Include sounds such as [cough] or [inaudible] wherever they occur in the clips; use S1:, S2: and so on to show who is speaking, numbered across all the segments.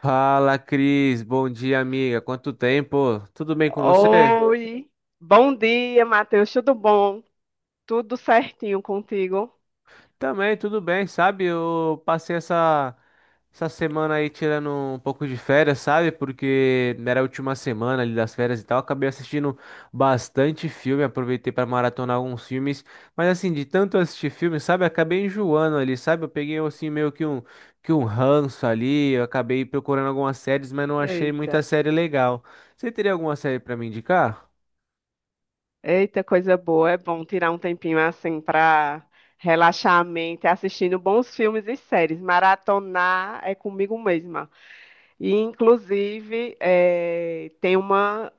S1: Fala, Cris. Bom dia, amiga. Quanto tempo? Tudo bem com você?
S2: Oi, bom dia, Matheus, tudo bom? Tudo certinho contigo?
S1: Também, tudo bem, sabe? Eu passei essa semana aí tirando um pouco de férias, sabe? Porque era a última semana ali das férias e tal. Acabei assistindo bastante filme, aproveitei para maratonar alguns filmes. Mas assim, de tanto assistir filme, sabe? Acabei enjoando ali, sabe? Eu peguei assim meio que um ranço ali. Eu acabei procurando algumas séries, mas não achei
S2: Eita,
S1: muita série legal. Você teria alguma série para me indicar?
S2: eita, coisa boa, é bom tirar um tempinho assim para relaxar a mente, assistindo bons filmes e séries, maratonar é comigo mesma. E, inclusive, tem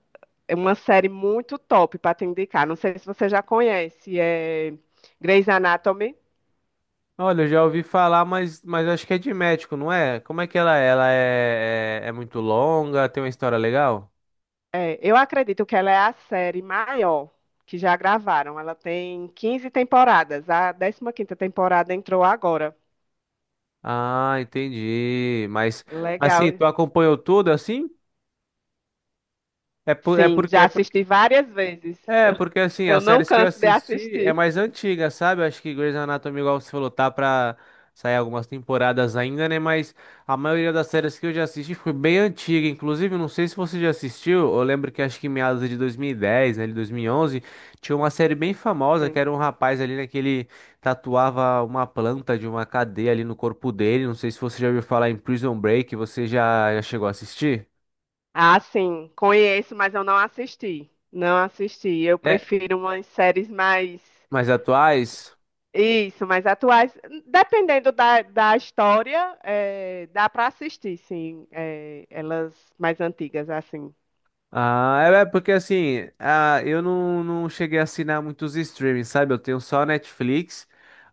S2: é uma série muito top para te indicar, não sei se você já conhece, é Grey's Anatomy.
S1: Olha, eu já ouvi falar, mas acho que é de médico, não é? Como é que ela é? Ela é muito longa, tem uma história legal?
S2: É, eu acredito que ela é a série maior que já gravaram. Ela tem 15 temporadas. A décima quinta temporada entrou agora.
S1: Ah, entendi. Mas assim,
S2: Legal.
S1: tu acompanhou tudo assim? É por, é
S2: Sim,
S1: porque
S2: já
S1: é porque
S2: assisti várias vezes.
S1: É,
S2: Eu,
S1: porque assim,
S2: eu
S1: as
S2: não
S1: séries que eu
S2: canso de
S1: assisti é
S2: assistir.
S1: mais antiga, sabe? Eu acho que Grey's Anatomy, igual você falou, tá pra sair algumas temporadas ainda, né? Mas a maioria das séries que eu já assisti foi bem antiga. Inclusive, não sei se você já assistiu, eu lembro que acho que em meados de 2010, né, de 2011, tinha uma série bem famosa que
S2: Sim.
S1: era um rapaz ali, né, que ele tatuava uma planta de uma cadeia ali no corpo dele. Não sei se você já ouviu falar em Prison Break, você já chegou a assistir?
S2: Ah, sim, conheço, mas eu não assisti. Não assisti. Eu
S1: É,
S2: prefiro umas séries mais.
S1: mais atuais?
S2: Isso, mais atuais. Dependendo da história, é, dá para assistir, sim. É, elas mais antigas, assim.
S1: Ah, é é porque assim, ah, eu não cheguei a assinar muitos streamings, sabe? Eu tenho só a Netflix.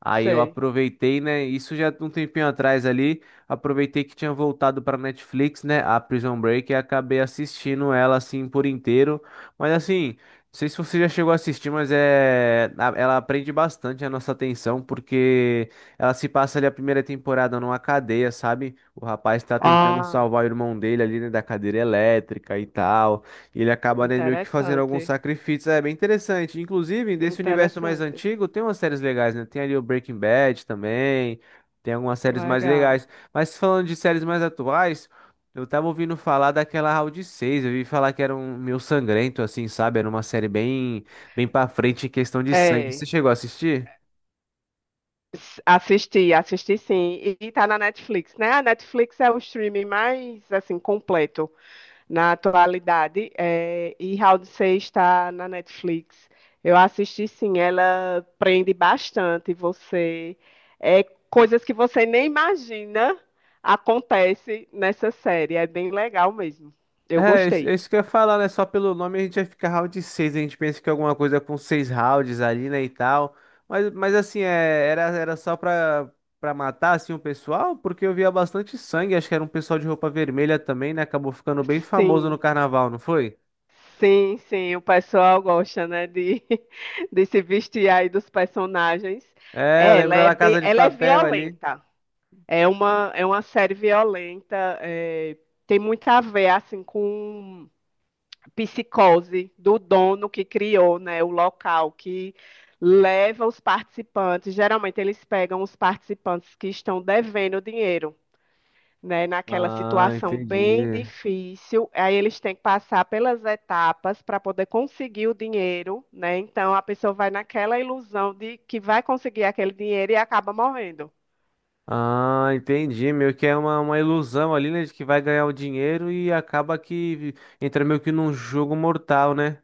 S1: Aí eu
S2: Sei.
S1: aproveitei, né? Isso já um tempinho atrás ali, aproveitei que tinha voltado para Netflix, né? A Prison Break e acabei assistindo ela assim por inteiro. Mas assim, não sei se você já chegou a assistir, mas é ela prende bastante a nossa atenção porque ela se passa ali a primeira temporada numa cadeia, sabe? O rapaz tá tentando
S2: Ah,
S1: salvar o irmão dele ali, né, da cadeira elétrica e tal. E ele acaba, né, meio que fazendo alguns
S2: interessante.
S1: sacrifícios. É bem interessante. Inclusive, desse universo mais
S2: Interessante.
S1: antigo, tem umas séries legais, né? Tem ali o Breaking Bad também. Tem algumas séries mais
S2: Legal.
S1: legais. Mas falando de séries mais atuais, eu tava ouvindo falar daquela Round seis. Eu vi falar que era um meio sangrento, assim, sabe? Era uma série bem pra frente em questão de sangue. Você
S2: É.
S1: chegou a assistir?
S2: Assisti, assisti sim. E tá na Netflix, né? A Netflix é o streaming mais, assim, completo na atualidade. É, e Round 6 está na Netflix. Eu assisti sim, ela prende bastante você. É, coisas que você nem imagina acontece nessa série. É bem legal mesmo. Eu
S1: É, é isso
S2: gostei.
S1: que eu ia falar, né? Só pelo nome a gente vai ficar round seis, a gente pensa que é alguma coisa com seis rounds ali, né, e tal. Mas assim, é, era só pra matar, assim, o pessoal, porque eu via bastante sangue, acho que era um pessoal de roupa vermelha também, né? Acabou ficando bem famoso
S2: Sim,
S1: no carnaval, não foi?
S2: sim, sim, o pessoal gosta, né, de, [laughs] de se vestir aí dos personagens.
S1: É, eu
S2: É, ela
S1: lembro
S2: é
S1: da
S2: bem,
S1: Casa de
S2: ela é
S1: Papel ali.
S2: violenta. É uma série violenta. É, tem muito a ver, assim, com psicose do dono que criou, né, o local que leva os participantes. Geralmente eles pegam os participantes que estão devendo dinheiro, né, naquela
S1: Ah,
S2: situação bem
S1: entendi.
S2: difícil. Aí eles têm que passar pelas etapas para poder conseguir o dinheiro, né? Então a pessoa vai naquela ilusão de que vai conseguir aquele dinheiro e acaba morrendo.
S1: Ah, entendi. Meio que é uma ilusão ali, né, de que vai ganhar o dinheiro e acaba que entra meio que num jogo mortal, né?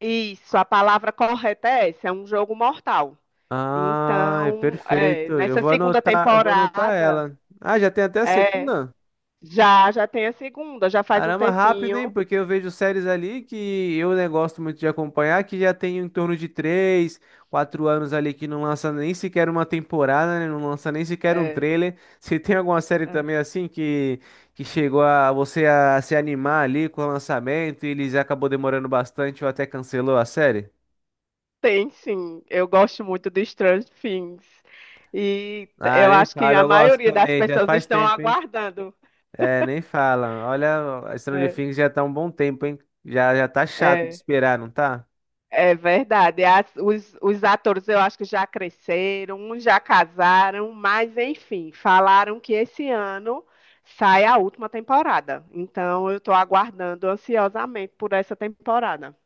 S2: Isso, a palavra correta é essa, é um jogo mortal.
S1: Ah, é
S2: Então, é,
S1: perfeito.
S2: nessa segunda
S1: Eu vou anotar
S2: temporada,
S1: ela. Ah, já tem até a
S2: é,
S1: segunda?
S2: já tem a segunda, já faz um
S1: Caramba, rápido,
S2: tempinho.
S1: hein? Porque eu vejo séries ali que eu né, gosto muito de acompanhar, que já tem em torno de três, quatro anos ali que não lança nem sequer uma temporada, né? Não lança nem sequer um
S2: É,
S1: trailer. [laughs] Se tem alguma série
S2: é.
S1: também assim que chegou a você a se animar ali com o lançamento e eles acabou demorando bastante ou até cancelou a série?
S2: Tem sim, eu gosto muito de Stranger Things. E
S1: Ah,
S2: eu
S1: nem
S2: acho que
S1: fala,
S2: a
S1: eu gosto
S2: maioria das
S1: também, já
S2: pessoas
S1: faz
S2: estão
S1: tempo, hein?
S2: aguardando.
S1: É, nem fala. Olha, a Stranger
S2: É,
S1: Things já tá um bom tempo, hein? Já tá chato de
S2: é,
S1: esperar, não tá?
S2: é verdade. Os atores eu acho que já cresceram, uns já casaram, mas enfim, falaram que esse ano sai a última temporada. Então eu estou aguardando ansiosamente por essa temporada.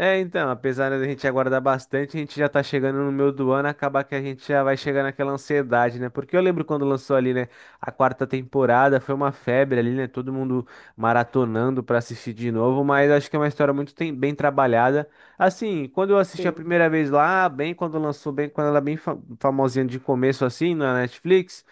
S1: É, então, apesar da gente aguardar bastante, a gente já tá chegando no meio do ano, acaba que a gente já vai chegar naquela ansiedade, né? Porque eu lembro quando lançou ali, né, a quarta temporada, foi uma febre ali, né? Todo mundo maratonando pra assistir de novo, mas acho que é uma história muito bem trabalhada. Assim, quando eu assisti a
S2: Sim.
S1: primeira vez lá, bem quando lançou, bem quando ela é bem famosinha de começo assim na Netflix.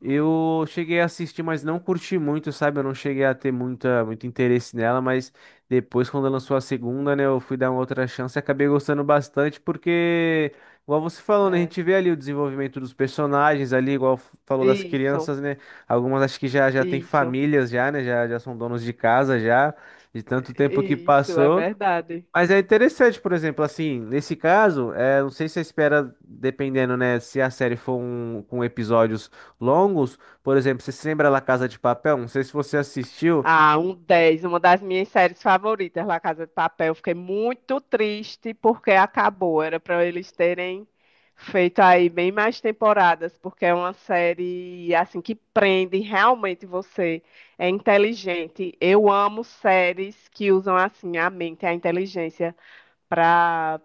S1: Eu cheguei a assistir, mas não curti muito, sabe? Eu não cheguei a ter muito interesse nela, mas depois, quando lançou a segunda, né, eu fui dar uma outra chance e acabei gostando bastante, porque, igual você falou, né, a
S2: É.
S1: gente vê ali o desenvolvimento dos personagens ali, igual falou das
S2: Isso,
S1: crianças, né? Algumas acho que já têm
S2: isso,
S1: famílias já, né? Já são donos de casa já, de tanto tempo que
S2: isso, é
S1: passou.
S2: verdade.
S1: Mas é interessante, por exemplo, assim, nesse caso, é, não sei se você espera, dependendo, né, se a série for um, com episódios longos, por exemplo, você se lembra La Casa de Papel? Não sei se você assistiu.
S2: Ah, um 10. Uma das minhas séries favoritas, La Casa de Papel. Fiquei muito triste porque acabou. Era para eles terem feito aí bem mais temporadas, porque é uma série assim que prende realmente você. É inteligente. Eu amo séries que usam assim a mente, a inteligência para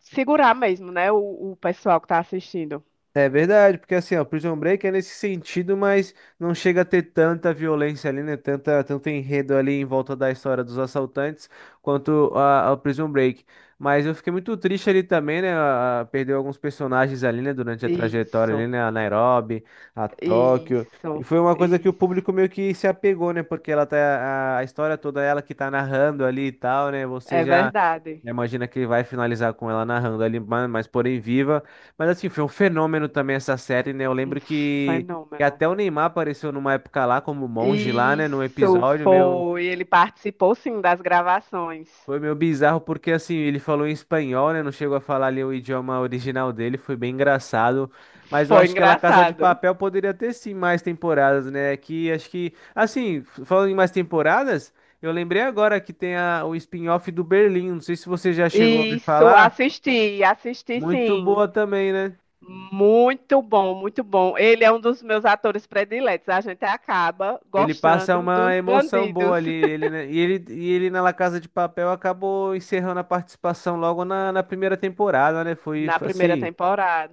S2: segurar mesmo, né, o pessoal que está assistindo.
S1: É verdade, porque assim, ó, Prison Break é nesse sentido, mas não chega a ter tanta violência ali, né? Tanta, tanto enredo ali em volta da história dos assaltantes quanto a, ao Prison Break. Mas eu fiquei muito triste ali também, né? Perdeu alguns personagens ali, né? Durante a trajetória ali,
S2: Isso,
S1: né? A Nairobi, a Tóquio. E
S2: isso,
S1: foi uma coisa que o
S2: isso.
S1: público meio que se apegou, né? Porque ela tá, a história toda é ela que tá narrando ali e tal, né? Você
S2: É
S1: já.
S2: verdade.
S1: Imagina que vai finalizar com ela narrando ali, mas porém viva. Mas assim, foi um fenômeno também essa série, né? Eu
S2: Um
S1: lembro que
S2: fenômeno.
S1: até o Neymar apareceu numa época lá, como monge lá, né? Num
S2: Isso
S1: episódio meu.
S2: foi. Ele participou sim das gravações.
S1: Foi meio bizarro, porque assim, ele falou em espanhol, né? Não chegou a falar ali o idioma original dele, foi bem engraçado. Mas eu
S2: Foi
S1: acho que ela Casa de
S2: engraçado.
S1: Papel poderia ter sim mais temporadas, né? Que acho que. Assim, falando em mais temporadas, eu lembrei agora que tem a, o spin-off do Berlim. Não sei se você já chegou a me
S2: Isso,
S1: falar.
S2: assisti, assisti
S1: Muito
S2: sim.
S1: boa também, né?
S2: Muito bom, muito bom. Ele é um dos meus atores prediletos. A gente acaba
S1: Ele passa
S2: gostando
S1: uma
S2: dos
S1: emoção boa
S2: bandidos
S1: ali. Ele, né, e ele na La Casa de Papel acabou encerrando a participação logo na primeira temporada, né? Foi
S2: na
S1: foi
S2: primeira
S1: assim.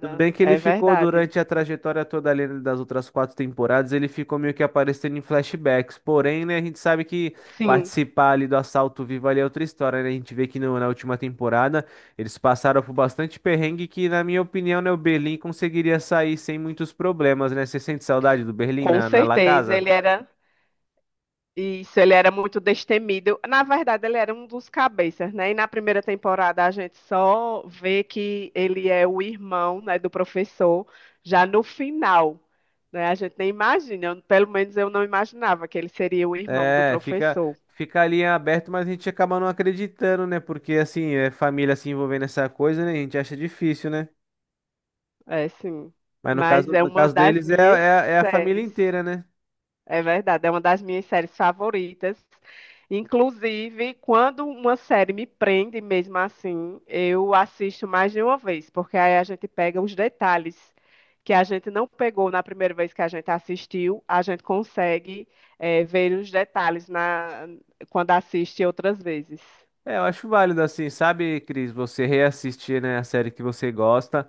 S1: Tudo bem que ele
S2: É
S1: ficou
S2: verdade.
S1: durante a trajetória toda ali das outras quatro temporadas, ele ficou meio que aparecendo em flashbacks. Porém, né, a gente sabe que
S2: Sim,
S1: participar ali do Assalto Vivo ali é outra história, né? A gente vê que na última temporada eles passaram por bastante perrengue que, na minha opinião, né, o Berlim conseguiria sair sem muitos problemas, né? Você sente saudade do Berlim
S2: com
S1: na La
S2: certeza.
S1: Casa?
S2: Ele era. Isso, ele era muito destemido. Na verdade, ele era um dos cabeças, né? E na primeira temporada a gente só vê que ele é o irmão, né, do professor, já no final, né? A gente nem imagina, pelo menos eu não imaginava que ele seria o irmão do
S1: É,
S2: professor.
S1: fica ali em aberto, mas a gente acaba não acreditando, né? Porque assim, é família se envolvendo nessa coisa, né? A gente acha difícil, né?
S2: É, sim.
S1: Mas
S2: Mas é
S1: no
S2: uma
S1: caso
S2: das
S1: deles
S2: minhas
S1: é a família
S2: séries.
S1: inteira, né?
S2: É verdade, é uma das minhas séries favoritas. Inclusive, quando uma série me prende mesmo assim, eu assisto mais de uma vez, porque aí a gente pega os detalhes que a gente não pegou na primeira vez que a gente assistiu, a gente consegue, ver os detalhes quando assiste outras vezes.
S1: É, eu acho válido assim, sabe, Cris, você reassistir, né, a série que você gosta.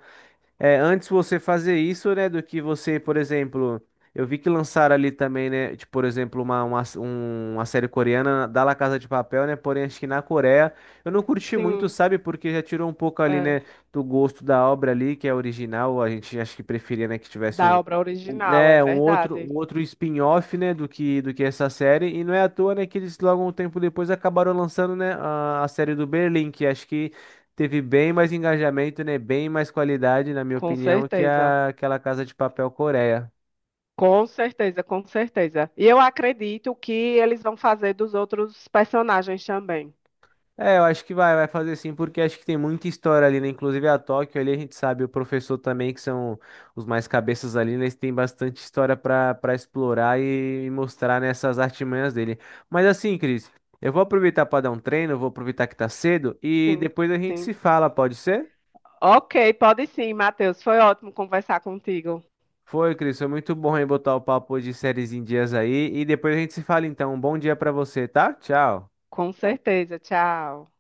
S1: É, antes você fazer isso, né, do que você, por exemplo, eu vi que lançaram ali também, né, tipo, por exemplo, uma série coreana da La Casa de Papel, né, porém acho que na Coreia eu não curti muito,
S2: Sim,
S1: sabe, porque já tirou um pouco ali,
S2: é,
S1: né, do gosto da obra ali, que é original, a gente acho que preferia, né, que tivesse
S2: da obra original, é verdade,
S1: um outro spin-off, né, do que essa série, e não é à toa, né, que eles logo um tempo depois acabaram lançando, né, a série do Berlim, que acho que teve bem mais engajamento, né? Bem mais qualidade, na minha
S2: com
S1: opinião, que
S2: certeza.
S1: a, aquela Casa de Papel Coreia.
S2: Com certeza, com certeza. E eu acredito que eles vão fazer dos outros personagens também.
S1: É, eu acho que vai fazer sim, porque acho que tem muita história ali, né? Inclusive a Tóquio ali, a gente sabe, o professor também, que são os mais cabeças ali, né? Eles têm bastante história para explorar e mostrar nessas artimanhas dele. Mas assim, Cris, eu vou aproveitar para dar um treino, vou aproveitar que tá cedo e
S2: Sim,
S1: depois a gente
S2: sim.
S1: se fala, pode ser?
S2: Ok, pode sim, Matheus. Foi ótimo conversar contigo.
S1: Foi, Cris, foi muito bom em botar o papo de séries em dias aí. E depois a gente se fala então. Um bom dia pra você, tá? Tchau.
S2: Com certeza. Tchau.